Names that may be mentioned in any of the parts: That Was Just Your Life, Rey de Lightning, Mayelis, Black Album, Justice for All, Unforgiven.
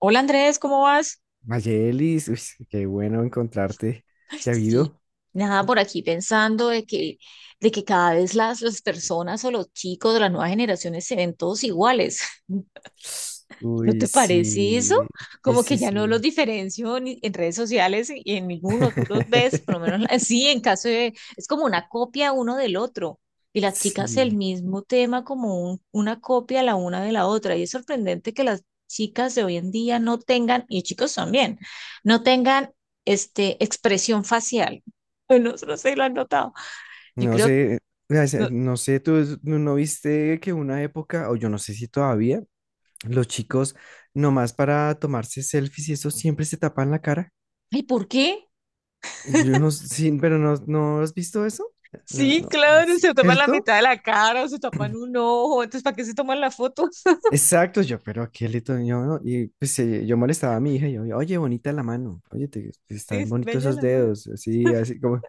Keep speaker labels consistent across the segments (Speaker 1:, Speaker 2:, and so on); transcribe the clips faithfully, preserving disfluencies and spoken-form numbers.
Speaker 1: Hola Andrés, ¿cómo vas?
Speaker 2: Mayelis, uy, qué bueno encontrarte.
Speaker 1: Ay,
Speaker 2: ¿Qué ha
Speaker 1: sí,
Speaker 2: habido?
Speaker 1: nada por aquí pensando de que, de que cada vez las, las personas o los chicos de las nuevas generaciones se ven todos iguales. ¿No
Speaker 2: Uy,
Speaker 1: te
Speaker 2: sí,
Speaker 1: parece eso?
Speaker 2: sí,
Speaker 1: Como que
Speaker 2: sí,
Speaker 1: ya
Speaker 2: sí.
Speaker 1: no los diferencio ni en redes sociales y en ninguno. Tú los ves, por lo menos la- sí, en caso de... Es como una copia uno del otro. Y las chicas el
Speaker 2: Sí,
Speaker 1: mismo tema como un- una copia la una de la otra. Y es sorprendente que las chicas de hoy en día no tengan, y chicos también, no tengan este, expresión facial. No, no sé si lo han notado. Yo
Speaker 2: no
Speaker 1: creo...
Speaker 2: sé, o sea,
Speaker 1: No,
Speaker 2: no sé, tú no no viste que una época, o yo no sé si todavía, los chicos nomás para tomarse selfies y eso siempre se tapan la cara.
Speaker 1: ¿y por qué?
Speaker 2: Yo no, sí, pero no, ¿no has visto eso? No,
Speaker 1: Sí,
Speaker 2: no,
Speaker 1: claro, se tapan la
Speaker 2: ¿cierto?
Speaker 1: mitad de la cara o se tapan un ojo, entonces ¿para qué se toman las fotos?
Speaker 2: Exacto, yo, pero qué lindo, yo, ¿no? Y pues eh, yo molestaba a mi hija, y yo, oye, bonita la mano, oye, te,
Speaker 1: Sí,
Speaker 2: están
Speaker 1: es
Speaker 2: bonitos
Speaker 1: bella
Speaker 2: esos
Speaker 1: la madre.
Speaker 2: dedos, así, así como,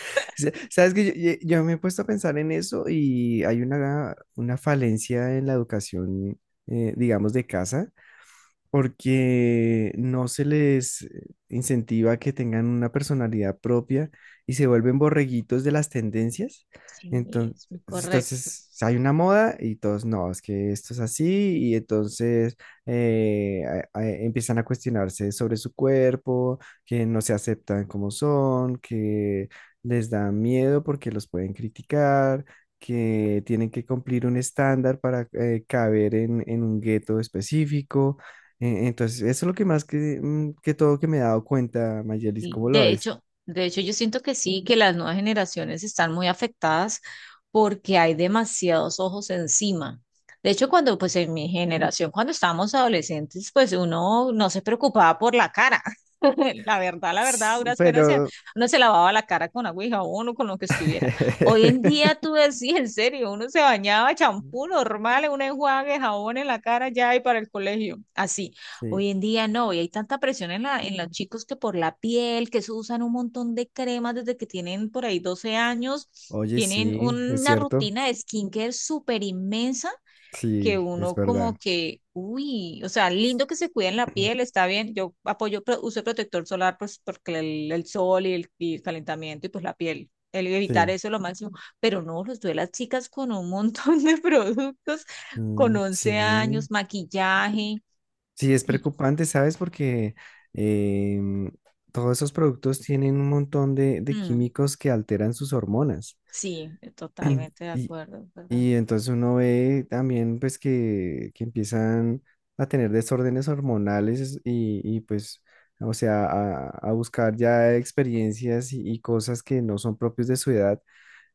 Speaker 2: sa- sabes que yo, yo- yo me he puesto a pensar en eso y hay una, una falencia en la educación, eh, digamos, de casa, porque no se les eh, incentiva que tengan una personalidad propia y se vuelven borreguitos de las tendencias.
Speaker 1: Sí,
Speaker 2: Entonces,
Speaker 1: es muy correcto.
Speaker 2: entonces hay una moda y todos, no, es que esto es así y entonces eh, a- a- empiezan a cuestionarse sobre su cuerpo, que no se aceptan como son, que les da miedo porque los pueden criticar, que tienen que cumplir un estándar para eh, caber en, en un gueto específico. Eh, Entonces, eso es lo que más que, mm, que todo que me he dado cuenta, Mayelis,
Speaker 1: Y
Speaker 2: ¿cómo lo
Speaker 1: de
Speaker 2: ves?
Speaker 1: hecho, de hecho, yo siento que sí, que las nuevas generaciones están muy afectadas porque hay demasiados ojos encima. De hecho, cuando, pues en mi generación, cuando estábamos adolescentes, pues uno no se preocupaba por la cara. La verdad, la verdad, a
Speaker 2: S-
Speaker 1: duras penas se-
Speaker 2: Pero,
Speaker 1: uno se lavaba la cara con agua y jabón o con lo que estuviera. Hoy en día tú decís, en serio, uno se bañaba champú normal, un enjuague, jabón en la cara ya y para el colegio. Así.
Speaker 2: sí,
Speaker 1: Hoy en día no, y hay tanta presión en la, en los chicos que por la piel, que se usan un montón de cremas desde que tienen por ahí doce años,
Speaker 2: oye,
Speaker 1: tienen
Speaker 2: sí, es
Speaker 1: una
Speaker 2: cierto,
Speaker 1: rutina de skincare súper inmensa que
Speaker 2: sí, es
Speaker 1: uno
Speaker 2: verdad,
Speaker 1: como que, uy, o sea, lindo que se cuiden la piel, está bien. Yo apoyo pro- uso de protector solar pues porque el, el sol y el, y el calentamiento y pues la piel, el evitar
Speaker 2: sí,
Speaker 1: eso es lo máximo. Pero no, los veo a las chicas con un montón de productos, con
Speaker 2: Mm, sí,
Speaker 1: once años, maquillaje.
Speaker 2: sí, es
Speaker 1: Y,
Speaker 2: preocupante, ¿sabes? Porque em, todos esos productos tienen un montón de, de
Speaker 1: mm,
Speaker 2: químicos que alteran sus hormonas.
Speaker 1: sí, totalmente de
Speaker 2: Y,
Speaker 1: acuerdo, ¿verdad?
Speaker 2: y entonces uno ve también pues que, que empiezan a tener desórdenes hormonales y, y, pues, o sea, a, a buscar ya experiencias y, y cosas que no son propios de su edad.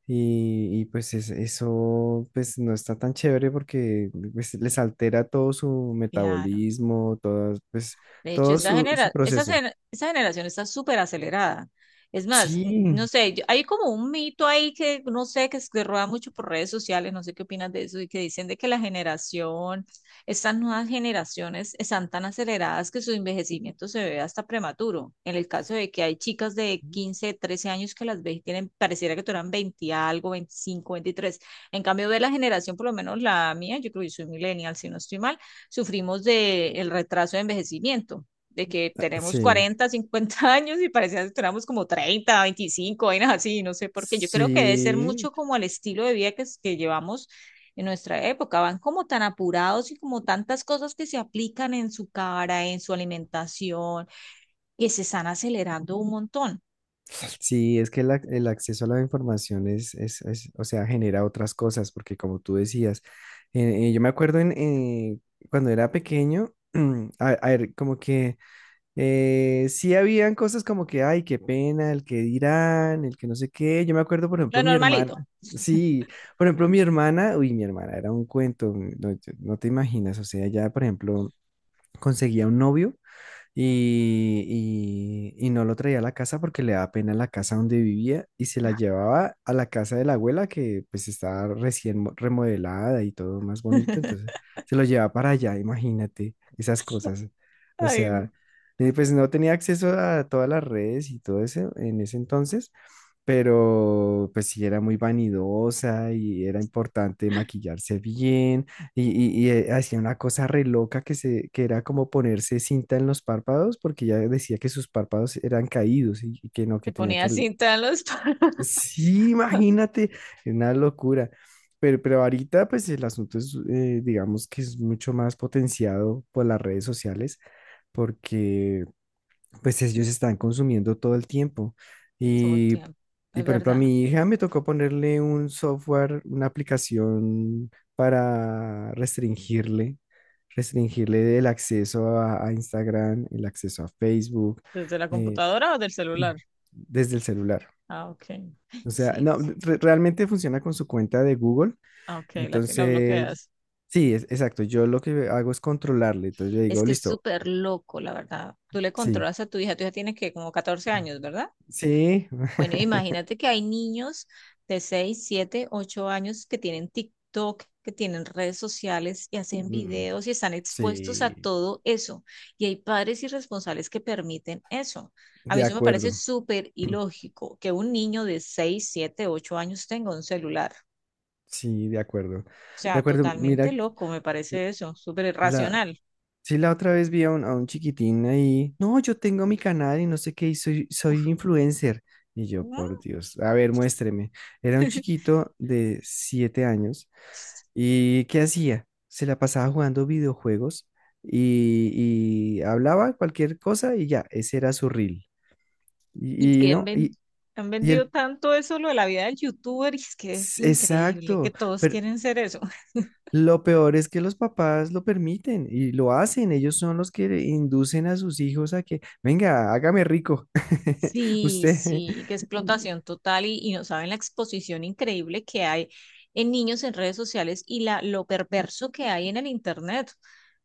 Speaker 2: Y, y, pues es- eso pues no está tan chévere porque pues, les altera todo su
Speaker 1: Claro.
Speaker 2: metabolismo, todo, pues,
Speaker 1: De hecho,
Speaker 2: todo. Sí,
Speaker 1: esa
Speaker 2: su, su
Speaker 1: genera, esa,
Speaker 2: proceso.
Speaker 1: gen- esa generación está súper acelerada. Es más, n-
Speaker 2: Sí,
Speaker 1: no sé, yo- hay como un mito ahí que no sé, que se rueda mucho por redes sociales, no sé qué opinas de eso, y que dicen de que la generación, estas nuevas generaciones están tan aceleradas que su envejecimiento se ve hasta prematuro. En el caso de que hay chicas de quince trece años que las ves y tienen, pareciera que tuvieran veinte algo, veinticinco veintitrés. En cambio, ve la generación, por lo menos la mía, yo creo que soy millennial, si no estoy mal. Sufrimos del el retraso de envejecimiento, de que tenemos
Speaker 2: sí,
Speaker 1: cuarenta cincuenta años y parecía que tenemos como treinta veinticinco vainas así, no sé por qué. Yo creo que debe ser
Speaker 2: sí.
Speaker 1: mucho como el estilo de vida que, que llevamos en nuestra época, van como tan apurados y como tantas cosas que se aplican en su cara, en su alimentación, que se están acelerando un montón.
Speaker 2: Sí, es que el, ac- el acceso a la información es, es, es, o sea, genera otras cosas, porque como tú decías, eh, eh, yo me acuerdo en, eh, cuando era pequeño, a, a ver, como que eh, sí habían cosas como que, ay, qué pena, el que dirán, el que no sé qué. Yo me acuerdo, por
Speaker 1: Lo
Speaker 2: ejemplo, mi hermana,
Speaker 1: normalito.
Speaker 2: sí, por ejemplo, mi hermana, uy, mi hermana era un cuento, no, no te imaginas, o sea, ya, por ejemplo, conseguía un novio y, y- y no lo traía a la casa porque le daba pena la casa donde vivía y se la llevaba a la casa de la abuela que pues estaba recién mo- remodelada y todo más bonito, entonces se lo llevaba para allá, imagínate esas cosas. O
Speaker 1: Ay, no.
Speaker 2: sea, eh, pues no tenía acceso a todas las redes y todo eso en ese entonces, pero pues sí era muy vanidosa y era importante maquillarse bien y, y, y, eh, hacía una cosa re loca que, se, que era como ponerse cinta en los párpados porque ya decía que sus párpados eran caídos y, y que no,
Speaker 1: Se
Speaker 2: que tenía que...
Speaker 1: ponía
Speaker 2: l-
Speaker 1: cinta en los...
Speaker 2: Sí, imagínate, una locura. Pero, pero ahorita pues el asunto es, eh, digamos que es mucho más potenciado por las redes sociales porque pues ellos están consumiendo todo el tiempo.
Speaker 1: Todo el
Speaker 2: Y,
Speaker 1: tiempo.
Speaker 2: y,
Speaker 1: Es
Speaker 2: por ejemplo, a
Speaker 1: verdad.
Speaker 2: mi hija me tocó ponerle un software, una aplicación para restringirle, restringirle el acceso a, a Instagram, el acceso a Facebook,
Speaker 1: ¿Desde la
Speaker 2: eh,
Speaker 1: computadora o del celular?
Speaker 2: desde el celular.
Speaker 1: Ah, ok.
Speaker 2: O sea,
Speaker 1: Sí.
Speaker 2: no, re- realmente funciona con su cuenta de Google.
Speaker 1: Ah, ok, la, la
Speaker 2: Entonces,
Speaker 1: bloqueas.
Speaker 2: sí, es- exacto. Yo lo que hago es controlarle. Entonces le
Speaker 1: Es
Speaker 2: digo,
Speaker 1: que es
Speaker 2: listo,
Speaker 1: súper loco, la verdad. Tú le
Speaker 2: sí,
Speaker 1: controlas a tu hija, tu hija tiene que como catorce años, ¿verdad?
Speaker 2: sí.
Speaker 1: Bueno, imagínate que hay niños de seis, siete, ocho años que tienen TikTok, que tienen redes sociales y hacen
Speaker 2: Mm.
Speaker 1: videos y están expuestos a
Speaker 2: Sí,
Speaker 1: todo eso. Y hay padres irresponsables que permiten eso. A mí
Speaker 2: de
Speaker 1: eso me parece
Speaker 2: acuerdo.
Speaker 1: súper ilógico que un niño de seis, siete, ocho años tenga un celular.
Speaker 2: Sí, de acuerdo.
Speaker 1: O
Speaker 2: De
Speaker 1: sea,
Speaker 2: acuerdo,
Speaker 1: totalmente
Speaker 2: mira,
Speaker 1: loco, me parece eso, súper
Speaker 2: la,
Speaker 1: irracional.
Speaker 2: sí, la otra vez vi a un, a un chiquitín ahí, no, yo tengo mi canal y no sé qué, y soy, soy
Speaker 1: Uf,
Speaker 2: influencer. Y yo,
Speaker 1: ¿no?
Speaker 2: por Dios, a ver, muéstreme. Era un chiquito de siete años y ¿qué hacía? Se la pasaba jugando videojuegos y, y hablaba cualquier cosa y ya, ese era su reel.
Speaker 1: Y es
Speaker 2: Y, y
Speaker 1: que han,
Speaker 2: no,
Speaker 1: ven-
Speaker 2: y,
Speaker 1: han
Speaker 2: y
Speaker 1: vendido
Speaker 2: el,
Speaker 1: tanto eso, lo de la vida del youtuber, y es que es increíble que
Speaker 2: exacto,
Speaker 1: todos
Speaker 2: pero
Speaker 1: quieren ser eso.
Speaker 2: lo peor es que los papás lo permiten y lo hacen. Ellos son los que inducen a sus hijos a que, venga, hágame rico.
Speaker 1: Sí,
Speaker 2: Usted.
Speaker 1: sí, que es explotación total y, y no saben la exposición increíble que hay en niños en redes sociales y la, lo perverso que hay en el internet.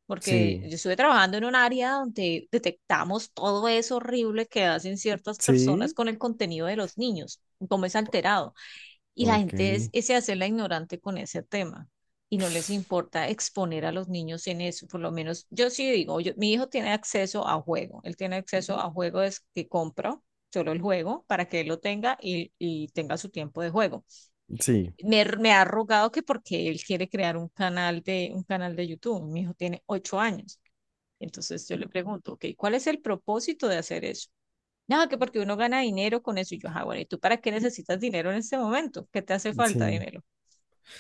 Speaker 1: Porque
Speaker 2: Sí,
Speaker 1: yo estuve trabajando en un área donde detectamos todo eso horrible que hacen ciertas personas
Speaker 2: sí,
Speaker 1: con el contenido de los niños, cómo es alterado. Y la
Speaker 2: ok,
Speaker 1: gente es, se hace la ignorante con ese tema y no les importa exponer a los niños en eso. Por lo menos yo sí digo, yo- mi hijo tiene acceso a juego, él tiene acceso a juego es que compro. Solo el juego para que él lo tenga y, y tenga su tiempo de juego.
Speaker 2: sí,
Speaker 1: Me, me ha rogado que porque él quiere crear un canal de, un canal de YouTube. Mi hijo tiene ocho años. Entonces yo le pregunto, ok, ¿cuál es el propósito de hacer eso? No, que porque uno gana dinero con eso. Y yo, ah, bueno, ¿y tú para qué necesitas dinero en este momento? ¿Qué te hace falta
Speaker 2: sí.
Speaker 1: dinero?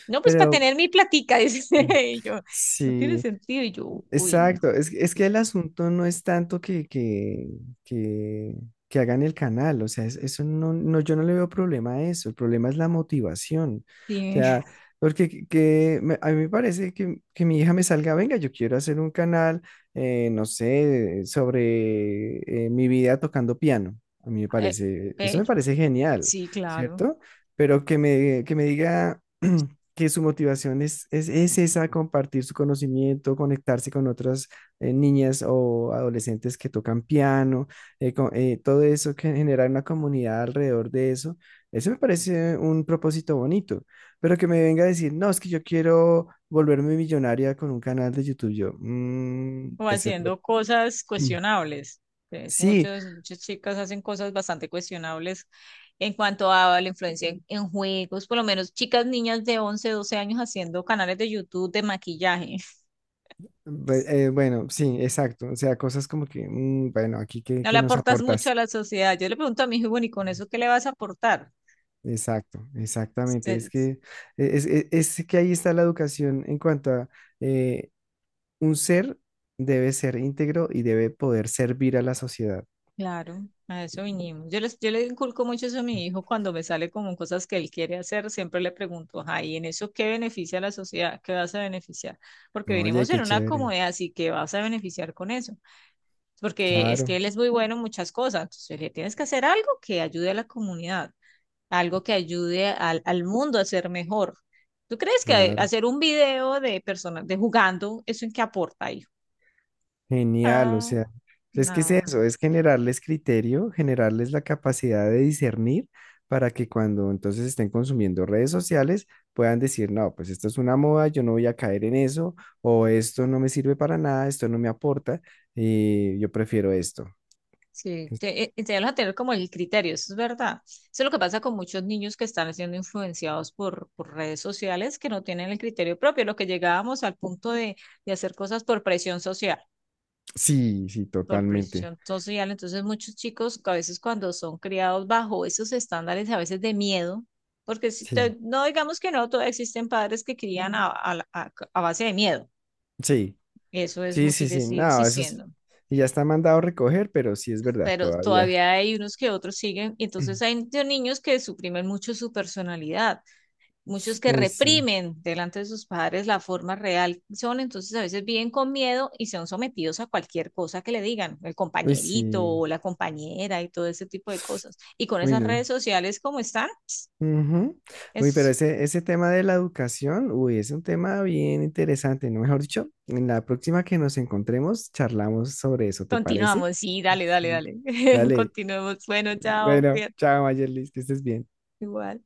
Speaker 1: No, pues para
Speaker 2: Pero
Speaker 1: tener mi platica, dice.
Speaker 2: mm,
Speaker 1: Y yo, no tiene
Speaker 2: sí.
Speaker 1: sentido. Y yo, uy, no.
Speaker 2: Exacto, es, es que el asunto no es tanto que, que, que, que hagan el canal, o sea, es- eso no, no, yo no le veo problema a eso, el problema es la motivación, o
Speaker 1: Sí,
Speaker 2: sea, porque que, que me- a mí me parece que, que mi hija me salga, venga, yo quiero hacer un canal, eh, no sé, sobre eh, mi vida tocando piano, a mí me
Speaker 1: eh,
Speaker 2: parece, eso
Speaker 1: bello.
Speaker 2: me parece genial,
Speaker 1: Sí, claro.
Speaker 2: ¿cierto? Pero que me, que me diga... que su motivación es, es, es esa, compartir su conocimiento, conectarse con otras eh, niñas o adolescentes que tocan piano, eh, co- eh, todo eso, que generar una comunidad alrededor de eso, eso me parece un propósito bonito, pero que me venga a decir, no, es que yo quiero volverme millonaria con un canal de YouTube, yo, "Mm,
Speaker 1: O
Speaker 2: pues el pro-
Speaker 1: haciendo cosas cuestionables. Pues
Speaker 2: sí,
Speaker 1: muchas, muchas chicas hacen cosas bastante cuestionables en cuanto a la influencia en, en juegos. Por lo menos chicas, niñas de once doce años haciendo canales de YouTube de maquillaje.
Speaker 2: bu- eh, bueno, sí, exacto, o sea, cosas como que, "Mm, bueno, aquí, ¿qué,
Speaker 1: No le
Speaker 2: qué nos
Speaker 1: aportas mucho a
Speaker 2: aportas?
Speaker 1: la sociedad. Yo le pregunto a mi hijo, bueno, ¿y con eso qué le vas a aportar?
Speaker 2: Exacto, exactamente. Es
Speaker 1: Este,
Speaker 2: que, es, es- es que ahí está la educación en cuanto a eh, un ser debe ser íntegro y debe poder servir a la sociedad.
Speaker 1: claro, a eso vinimos. Yo, les, yo le inculco mucho eso a mi hijo cuando me sale como cosas que él quiere hacer, siempre le pregunto, ay, ¿y en eso qué beneficia a la sociedad? ¿Qué vas a beneficiar? Porque
Speaker 2: Oye,
Speaker 1: venimos
Speaker 2: qué
Speaker 1: en una
Speaker 2: chévere.
Speaker 1: comunidad, así que vas a beneficiar con eso. Porque es que
Speaker 2: Claro,
Speaker 1: él es muy bueno en muchas cosas, entonces le tienes que hacer algo que ayude a la comunidad. Algo que ayude al, al mundo a ser mejor. ¿Tú crees que
Speaker 2: claro.
Speaker 1: hacer un video de personas de jugando, eso en qué aporta, hijo?
Speaker 2: Genial, o
Speaker 1: Ah,
Speaker 2: sea, es que es
Speaker 1: no.
Speaker 2: eso, es generarles criterio, generarles la capacidad de discernir para que cuando entonces estén consumiendo redes sociales puedan decir, no, pues esto es una moda, yo no voy a caer en eso, o esto no me sirve para nada, esto no me aporta, y yo prefiero esto.
Speaker 1: Sí, te, eh, enseñarlos a tener como el criterio, eso es verdad. Eso es lo que pasa con muchos niños que están siendo influenciados por, por redes sociales que no tienen el criterio propio, lo que llegábamos al punto de, de hacer cosas por presión social.
Speaker 2: Sí, sí,
Speaker 1: Por
Speaker 2: totalmente.
Speaker 1: presión social. Entonces, muchos chicos que a veces cuando son criados bajo esos estándares, a veces de miedo, porque si
Speaker 2: Sí,
Speaker 1: te- no digamos que no, todavía existen padres que crían a, a la- a- a base de miedo.
Speaker 2: sí,
Speaker 1: Eso es,
Speaker 2: sí,
Speaker 1: mu-
Speaker 2: sí,
Speaker 1: sigue,
Speaker 2: sí,
Speaker 1: sigue
Speaker 2: no, eso es,
Speaker 1: existiendo.
Speaker 2: y ya está mandado a recoger, pero sí es verdad,
Speaker 1: Pero
Speaker 2: todavía.
Speaker 1: todavía hay unos que otros siguen. Y entonces hay de niños que suprimen mucho su personalidad. Muchos que
Speaker 2: Uy, sí,
Speaker 1: reprimen delante de sus padres la forma real que son, entonces a veces viven con miedo y son sometidos a cualquier cosa que le digan, el
Speaker 2: uy,
Speaker 1: compañerito
Speaker 2: sí,
Speaker 1: o la compañera y todo ese tipo de cosas. Y con
Speaker 2: uy,
Speaker 1: esas
Speaker 2: no.
Speaker 1: redes sociales como están,
Speaker 2: Ujú. Uy, pero
Speaker 1: es...
Speaker 2: ese, ese tema de la educación, uy, es un tema bien interesante, ¿no? Mejor dicho, en la próxima que nos encontremos, charlamos sobre eso, ¿te parece?
Speaker 1: Continuamos, sí, dale, dale,
Speaker 2: Sí.
Speaker 1: dale,
Speaker 2: Dale.
Speaker 1: continuemos, bueno, chao,
Speaker 2: Bueno,
Speaker 1: cuídate,
Speaker 2: chao, Mayerlis, que estés bien.
Speaker 1: igual.